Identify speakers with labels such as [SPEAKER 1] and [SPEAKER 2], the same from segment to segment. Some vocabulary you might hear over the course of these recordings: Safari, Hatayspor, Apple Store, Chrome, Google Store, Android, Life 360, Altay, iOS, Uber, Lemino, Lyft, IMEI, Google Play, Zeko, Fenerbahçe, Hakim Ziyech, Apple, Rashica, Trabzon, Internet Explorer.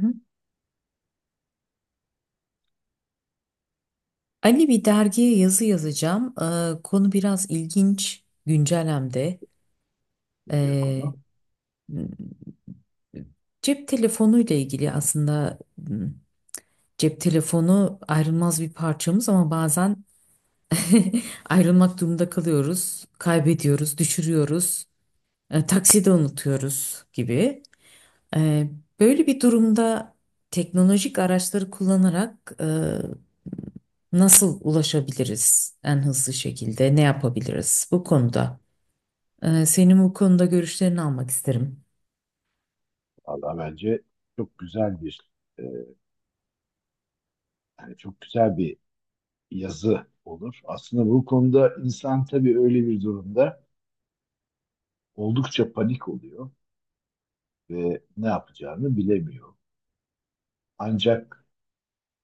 [SPEAKER 1] Hı hı. Ali bir dergiye yazı yazacağım. Konu biraz ilginç, güncel hem de.
[SPEAKER 2] Nedir
[SPEAKER 1] Ee,
[SPEAKER 2] konu?
[SPEAKER 1] m- Cep telefonuyla ilgili aslında cep telefonu ayrılmaz bir parçamız ama bazen ayrılmak durumunda kalıyoruz, kaybediyoruz, düşürüyoruz, takside unutuyoruz gibi. Ee, Böyle bir durumda teknolojik araçları kullanarak nasıl ulaşabiliriz en hızlı şekilde? Ne yapabiliriz bu konuda? Senin bu konuda görüşlerini almak isterim.
[SPEAKER 2] Valla bence çok güzel bir e, yani çok güzel bir yazı olur. Aslında bu konuda insan tabii öyle bir durumda oldukça panik oluyor ve ne yapacağını bilemiyor. Ancak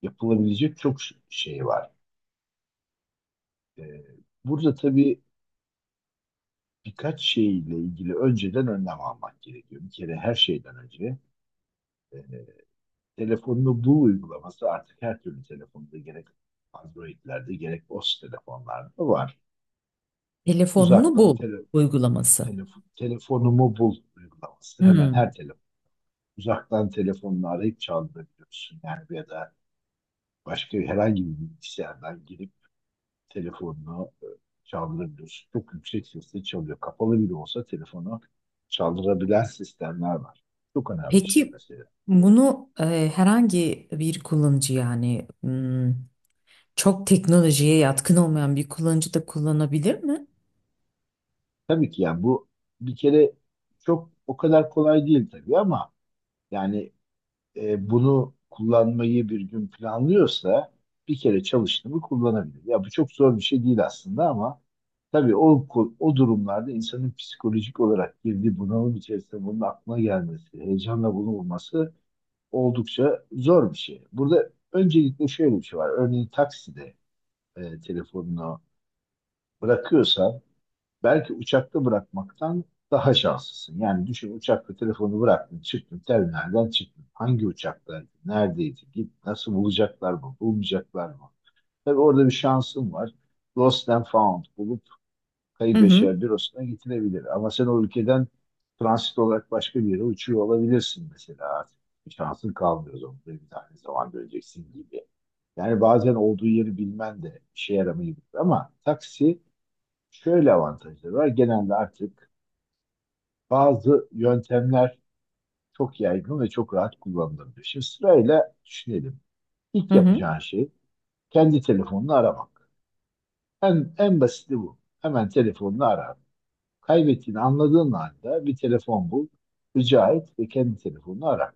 [SPEAKER 2] yapılabilecek çok şey var. E, Burada tabii birkaç şeyle ilgili önceden önlem almak gerekiyor. Bir kere her şeyden önce e, telefonunu bul uygulaması artık her türlü telefonda gerek Android'lerde gerek o s telefonlarda var.
[SPEAKER 1] Telefonunu
[SPEAKER 2] Uzaktan
[SPEAKER 1] bul uygulaması.
[SPEAKER 2] telefonumu bul uygulaması. Hemen
[SPEAKER 1] Hmm.
[SPEAKER 2] her telefon. Uzaktan telefonunu arayıp çaldırabiliyorsun. Yani ya da başka herhangi bir bilgisayardan girip telefonunu çaldırabiliyorsun. Çok yüksek sesle çalıyor. Kapalı bile olsa telefonu çaldırabilen sistemler var. Çok önemli bir şey
[SPEAKER 1] Peki
[SPEAKER 2] mesela.
[SPEAKER 1] bunu herhangi bir kullanıcı, yani çok teknolojiye yatkın olmayan bir kullanıcı da kullanabilir mi?
[SPEAKER 2] Tabii ki yani bu bir kere çok o kadar kolay değil tabii ama yani bunu kullanmayı bir gün planlıyorsa bir kere çalıştı mı kullanabilir. Ya bu çok zor bir şey değil aslında ama tabii o durumlarda insanın psikolojik olarak girdiği bunalım içerisinde bunun aklına gelmesi, heyecanla bunu bulması oldukça zor bir şey. Burada öncelikle şöyle bir şey var. Örneğin takside telefonunu bırakıyorsan belki uçakta bırakmaktan daha şanslısın. Yani düşün, uçakta telefonu bıraktın, çıktın, terminalden çıktın. Hangi uçakta, neredeydi, git, nasıl bulacaklar mı, bulmayacaklar mı? Tabii orada bir şansın var. Lost and found bulup
[SPEAKER 1] Hı
[SPEAKER 2] kayıp
[SPEAKER 1] hı.
[SPEAKER 2] eşya bürosuna getirebilir. Ama sen o ülkeden transit olarak başka bir yere uçuyor olabilirsin mesela artık. Bir şansın kalmıyor zorunda. Bir tane zaman göreceksin gibi. Yani bazen olduğu yeri bilmen de işe yaramayabilir ama taksi, şöyle avantajları var. Genelde artık bazı yöntemler çok yaygın ve çok rahat kullanılabilir. Şimdi sırayla düşünelim. İlk
[SPEAKER 1] Hı hı.
[SPEAKER 2] yapacağın şey kendi telefonunu aramak. En basiti bu. Hemen telefonunu ara. Kaybettiğini anladığın anda bir telefon bul, rica et ve kendi telefonunu ara.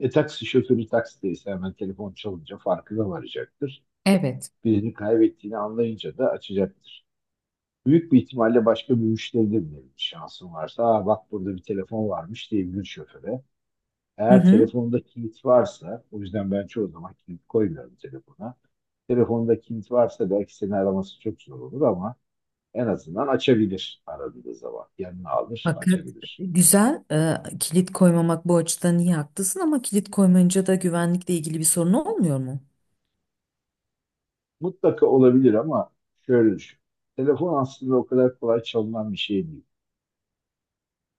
[SPEAKER 2] Taksi şoförü taksideyse hemen telefon çalınca farkına varacaktır.
[SPEAKER 1] Evet.
[SPEAKER 2] Birini kaybettiğini anlayınca da açacaktır. Büyük bir ihtimalle başka bir müşteride bile şansın varsa, aa, bak, burada bir telefon varmış diyebilir şoföre.
[SPEAKER 1] Hı
[SPEAKER 2] Eğer
[SPEAKER 1] hı.
[SPEAKER 2] telefonda kilit varsa, o yüzden ben çoğu zaman kilit koymuyorum telefona. Telefonda kilit varsa belki seni araması çok zor olur ama en azından açabilir aradığı zaman. Yanına alır,
[SPEAKER 1] Fakat
[SPEAKER 2] açabilir.
[SPEAKER 1] güzel, kilit koymamak bu açıdan iyi, haklısın, ama kilit koymayınca da güvenlikle ilgili bir sorun olmuyor mu?
[SPEAKER 2] Mutlaka olabilir ama şöyle düşün. Telefon aslında o kadar kolay çalınan bir şey değil.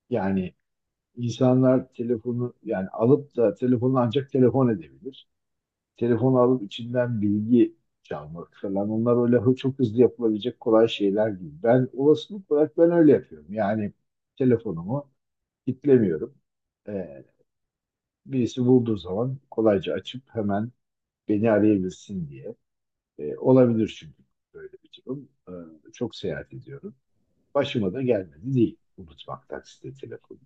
[SPEAKER 2] Yani insanlar telefonu, yani alıp da telefonu ancak telefon edebilir. Telefonu alıp içinden bilgi çalmak falan, onlar öyle çok hızlı yapılabilecek kolay şeyler değil. Ben olasılık olarak ben öyle yapıyorum. Yani telefonumu kilitlemiyorum. Ee, Birisi bulduğu zaman kolayca açıp hemen beni arayabilsin diye. Olabilir çünkü böyle bir durum. Çok seyahat ediyorum. Başıma da gelmedi değil unutmak takside telefonu.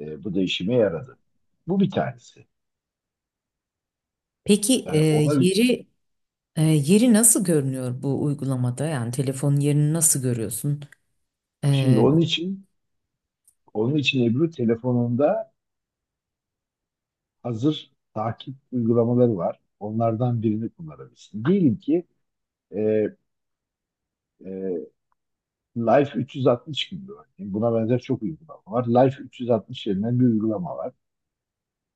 [SPEAKER 2] Bu da işime yaradı. Bu bir tanesi.
[SPEAKER 1] Peki
[SPEAKER 2] Yani ona,
[SPEAKER 1] yeri yeri nasıl görünüyor bu uygulamada? Yani telefonun yerini nasıl görüyorsun?
[SPEAKER 2] şimdi
[SPEAKER 1] E,
[SPEAKER 2] onun için Ebru, telefonunda hazır takip uygulamaları var. Onlardan birini kullanabilirsin. Diyelim ki e, e, Life 360 gibi örneğin. Buna benzer çok uygulama var. Life 360 denilen bir uygulama var.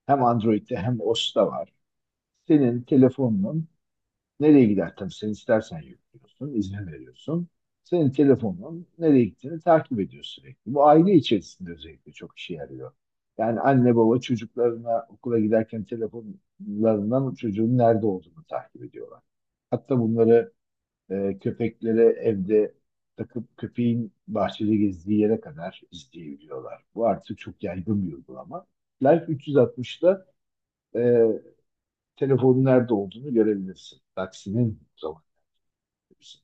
[SPEAKER 2] Hem Android'de hem iOS'ta var. Senin telefonunun nereye gider? Tabii sen istersen yüklüyorsun, izin veriyorsun. Senin telefonun nereye gittiğini takip ediyor sürekli. Bu aile içerisinde özellikle çok işe yarıyor. Yani anne baba çocuklarına okula giderken telefonlarından çocuğun nerede olduğunu takip ediyorlar. Hatta bunları köpeklere evde takıp köpeğin bahçede gezdiği yere kadar izleyebiliyorlar. Bu artık çok yaygın bir uygulama. Life 360'da e, telefonun nerede olduğunu görebilirsin. Taksinin zamanı.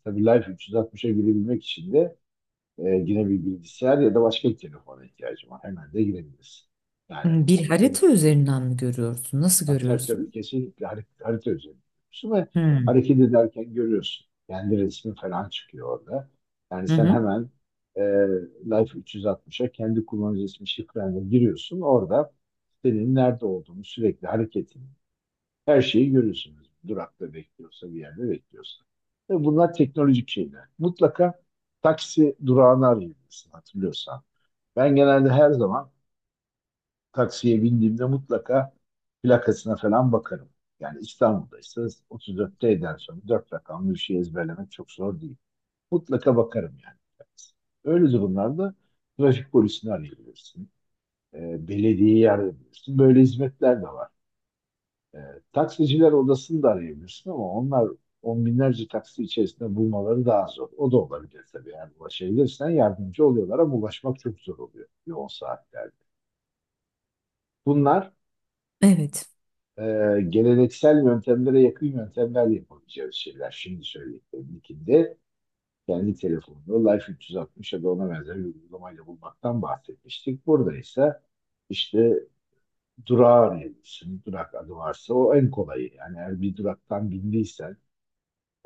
[SPEAKER 2] Tabii Life 360'a girebilmek için de yine bir bilgisayar ya da başka bir telefona ihtiyacın var. Hemen de girebilirsin. Yani,
[SPEAKER 1] Bir harita üzerinden mi görüyorsun? Nasıl
[SPEAKER 2] tabii tabii tabii.
[SPEAKER 1] görüyorsun?
[SPEAKER 2] Kesinlikle harita üzerinde görüyorsun ve
[SPEAKER 1] Hmm.
[SPEAKER 2] hareket ederken görüyorsun. Kendi resmi falan çıkıyor orada. Yani
[SPEAKER 1] Hı
[SPEAKER 2] sen
[SPEAKER 1] hı.
[SPEAKER 2] hemen e, Life 360'a kendi kullanıcı ismi şifrenle giriyorsun. Orada senin nerede olduğunu, sürekli hareketini, her şeyi görüyorsunuz. Durakta bekliyorsa, bir yerde bekliyorsa. Ve bunlar teknolojik şeyler. Mutlaka taksi durağını arayabilirsin hatırlıyorsan. Ben genelde her zaman taksiye bindiğimde mutlaka plakasına falan bakarım. Yani İstanbul'da ise 34T'den sonra 4 rakamlı bir şey ezberlemek çok zor değil. Mutlaka bakarım yani. Öyle durumlarda trafik polisini arayabilirsin. Belediyeyi arayabilirsin. Böyle hizmetler de var. E, Taksiciler odasını da arayabilirsin ama onlar on binlerce taksi içerisinde bulmaları daha zor. O da olabilir tabii. Yani ulaşabilirsen yardımcı oluyorlar ama ulaşmak çok zor oluyor yoğun saatlerde. Bunlar
[SPEAKER 1] Evet.
[SPEAKER 2] e, geleneksel yöntemlere yakın yöntemler, yapabileceğimiz şeyler. Şimdi söylediklerim ilkinde kendi telefonunu Life 360 ya da ona benzer bir uygulamayla bulmaktan bahsetmiştik. Burada ise işte durağı arayabilirsin. Durak adı varsa o en kolayı. Yani eğer bir duraktan bindiysen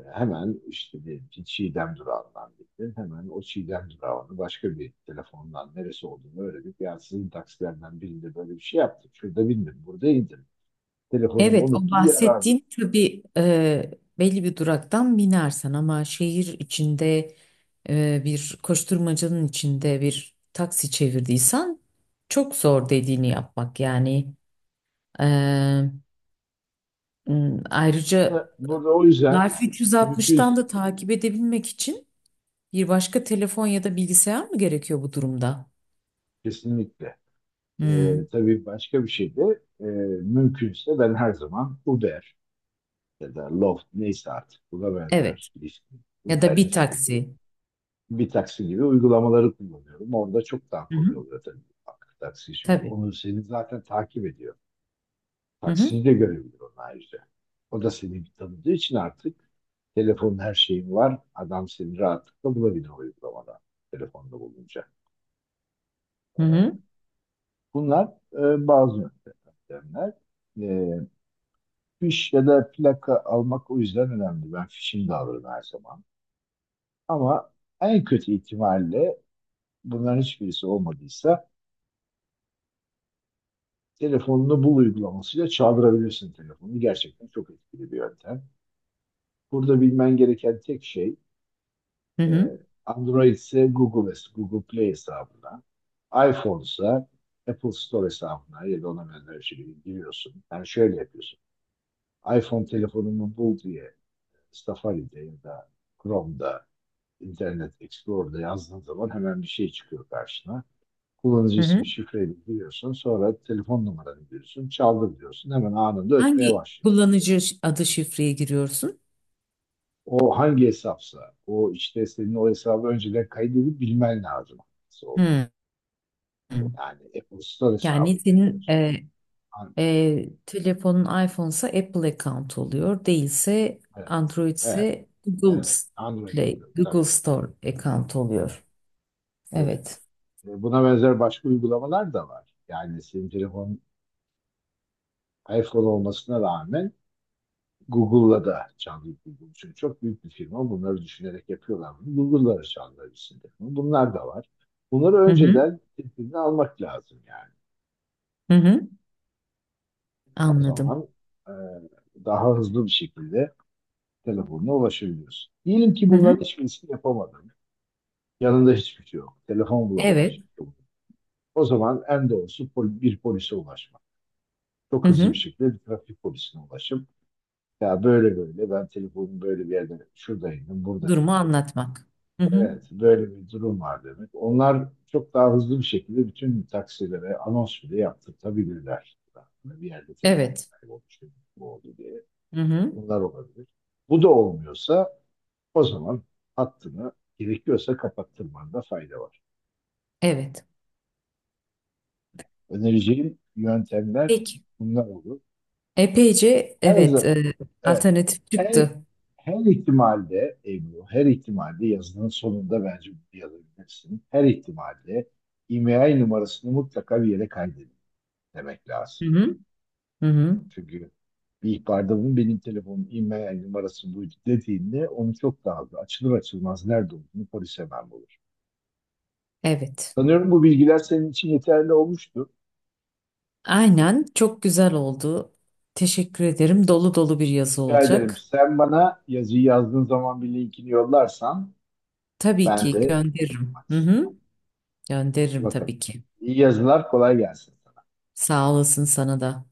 [SPEAKER 2] hemen işte, diyelim ki Çiğdem durağından bindin. Hemen o Çiğdem durağını başka bir telefondan neresi olduğunu öğrenip ya sizin taksilerden birinde böyle bir şey yaptık. Şurada bindim, burada indim, telefonumu
[SPEAKER 1] Evet, o
[SPEAKER 2] unuttum, bir arar.
[SPEAKER 1] bahsettiğin tabii, belli bir duraktan binersen ama şehir içinde, bir koşturmacanın içinde bir taksi çevirdiysen çok zor dediğini yapmak yani. E, Ayrıca
[SPEAKER 2] Burada, o yüzden
[SPEAKER 1] Life
[SPEAKER 2] mümkün,
[SPEAKER 1] 360'tan da takip edebilmek için bir başka telefon ya da bilgisayar mı gerekiyor bu durumda?
[SPEAKER 2] kesinlikle.
[SPEAKER 1] Hı,
[SPEAKER 2] Tabii başka bir şey de mümkünse ben her zaman Uber ya da Lyft, neyse artık buna
[SPEAKER 1] evet.
[SPEAKER 2] benzer Lyft,
[SPEAKER 1] Ya da
[SPEAKER 2] Uber,
[SPEAKER 1] bir
[SPEAKER 2] Lyft gibi
[SPEAKER 1] taksi.
[SPEAKER 2] bir taksi gibi uygulamaları kullanıyorum. Orada çok daha
[SPEAKER 1] Hı
[SPEAKER 2] kolay
[SPEAKER 1] hı.
[SPEAKER 2] oluyor tabii. Bak, taksi şimdi
[SPEAKER 1] Tabii.
[SPEAKER 2] onu seni zaten takip ediyor.
[SPEAKER 1] Hı hı.
[SPEAKER 2] Taksiyi de görebiliyor onun ayrıca. O da seni tanıdığı için artık telefonun, her şeyin var. Adam seni rahatlıkla bulabilir o uygulamada, telefonda bulunca.
[SPEAKER 1] Hı
[SPEAKER 2] Ee,
[SPEAKER 1] hı.
[SPEAKER 2] Bunlar bazı yöntemler. E, Fiş ya da plaka almak o yüzden önemli. Ben fişini de alırım her zaman. Ama en kötü ihtimalle bunların hiçbirisi olmadıysa telefonunu bul uygulamasıyla çaldırabilirsin telefonu. Gerçekten çok etkili bir yöntem. Burada bilmen gereken tek şey,
[SPEAKER 1] Hı
[SPEAKER 2] e,
[SPEAKER 1] hı.
[SPEAKER 2] Android ise Google Play hesabına, iPhone ise Apple Store hesabına ya da ona benzer bir şekilde giriyorsun. Yani şöyle yapıyorsun, iPhone telefonumu bul diye Safari'de ya da Chrome'da, Internet Explorer'da yazdığın zaman hemen bir şey çıkıyor karşına. Kullanıcı
[SPEAKER 1] Hı hı.
[SPEAKER 2] ismi, şifreyi giriyorsun. Sonra telefon numaranı giriyorsun. Çaldır diyorsun. Hemen anında ötmeye
[SPEAKER 1] Hangi
[SPEAKER 2] başlıyor.
[SPEAKER 1] kullanıcı ş- adı şifreye giriyorsun?
[SPEAKER 2] O hangi hesapsa, o işte, senin o hesabı önceden kaydedip bilmen lazım, hangisi.
[SPEAKER 1] Hmm.
[SPEAKER 2] Yani Apple Store
[SPEAKER 1] Yani
[SPEAKER 2] hesabı
[SPEAKER 1] senin
[SPEAKER 2] bekliyorsun. An-
[SPEAKER 1] telefonun iPhone'sa Apple account oluyor. Değilse
[SPEAKER 2] Evet,
[SPEAKER 1] Android
[SPEAKER 2] evet,
[SPEAKER 1] ise Google
[SPEAKER 2] evet.
[SPEAKER 1] S-
[SPEAKER 2] Android'de
[SPEAKER 1] Play, Google
[SPEAKER 2] tabii.
[SPEAKER 1] Store account
[SPEAKER 2] Evet,
[SPEAKER 1] oluyor.
[SPEAKER 2] evet.
[SPEAKER 1] Evet.
[SPEAKER 2] Buna benzer başka uygulamalar da var. Yani senin telefonun iPhone olmasına rağmen Google'la da çaldık Google için. Çok büyük bir firma. Bunları düşünerek yapıyorlar bunu. Google'la da çaldılar isim takımı. Bunlar da var. Bunları
[SPEAKER 1] Hı hı.
[SPEAKER 2] önceden tedbirini almak lazım yani.
[SPEAKER 1] Hı hı.
[SPEAKER 2] O
[SPEAKER 1] Anladım.
[SPEAKER 2] zaman e, daha hızlı bir şekilde telefonuna ulaşabiliyorsun. Diyelim ki
[SPEAKER 1] Hı hı.
[SPEAKER 2] bunların hiçbirisini yapamadın. Yanında hiçbir şey yok. Telefon bulamadın.
[SPEAKER 1] Evet.
[SPEAKER 2] Hiçbir şey yok. O zaman en doğrusu bir polise ulaşmak.
[SPEAKER 1] Hı
[SPEAKER 2] Çok hızlı bir
[SPEAKER 1] hı.
[SPEAKER 2] şekilde bir trafik polisine ulaşıp ya böyle böyle, ben telefonumu böyle bir yerden, şuradaydım, burada
[SPEAKER 1] Durumu
[SPEAKER 2] bindim.
[SPEAKER 1] anlatmak. Hı hı.
[SPEAKER 2] Evet, böyle bir durum var demek. Onlar çok daha hızlı bir şekilde bütün taksilere anons bile yaptırtabilirler. Yani bir yerde telefon
[SPEAKER 1] Evet.
[SPEAKER 2] kaybolmuş, bu oldu diye.
[SPEAKER 1] Hı hı.
[SPEAKER 2] Bunlar olabilir. Bu da olmuyorsa o zaman hattını gerekiyorsa kapattırmanda fayda var.
[SPEAKER 1] Evet.
[SPEAKER 2] Önereceğim yöntemler
[SPEAKER 1] Peki.
[SPEAKER 2] bunlar olur.
[SPEAKER 1] Epeyce
[SPEAKER 2] Her
[SPEAKER 1] evet,
[SPEAKER 2] zaman, evet,
[SPEAKER 1] alternatif
[SPEAKER 2] Her,
[SPEAKER 1] çıktı.
[SPEAKER 2] her ihtimalde Ebru, her ihtimalde yazının sonunda bence bir yazabilirsin. Her ihtimalde IMEI numarasını mutlaka bir yere kaydedin demek lazım.
[SPEAKER 1] Hı hı. Hı hı.
[SPEAKER 2] Çünkü bir ihbarda bunun benim telefonum, IMEI numarası bu dediğinde onu çok daha hızlı, açılır açılmaz nerede olduğunu polis hemen bulur.
[SPEAKER 1] Evet.
[SPEAKER 2] Sanıyorum bu bilgiler senin için yeterli olmuştu.
[SPEAKER 1] Aynen, çok güzel oldu. Teşekkür ederim. Dolu dolu bir yazı
[SPEAKER 2] Rica ederim.
[SPEAKER 1] olacak.
[SPEAKER 2] Sen bana yazıyı yazdığın zaman bir linkini yollarsan
[SPEAKER 1] Tabii
[SPEAKER 2] ben
[SPEAKER 1] ki
[SPEAKER 2] de
[SPEAKER 1] gönderirim. Hı hı. Gönderirim
[SPEAKER 2] bakalım.
[SPEAKER 1] tabii ki.
[SPEAKER 2] İyi yazılar kolay gelsin.
[SPEAKER 1] Sağ olasın sana da.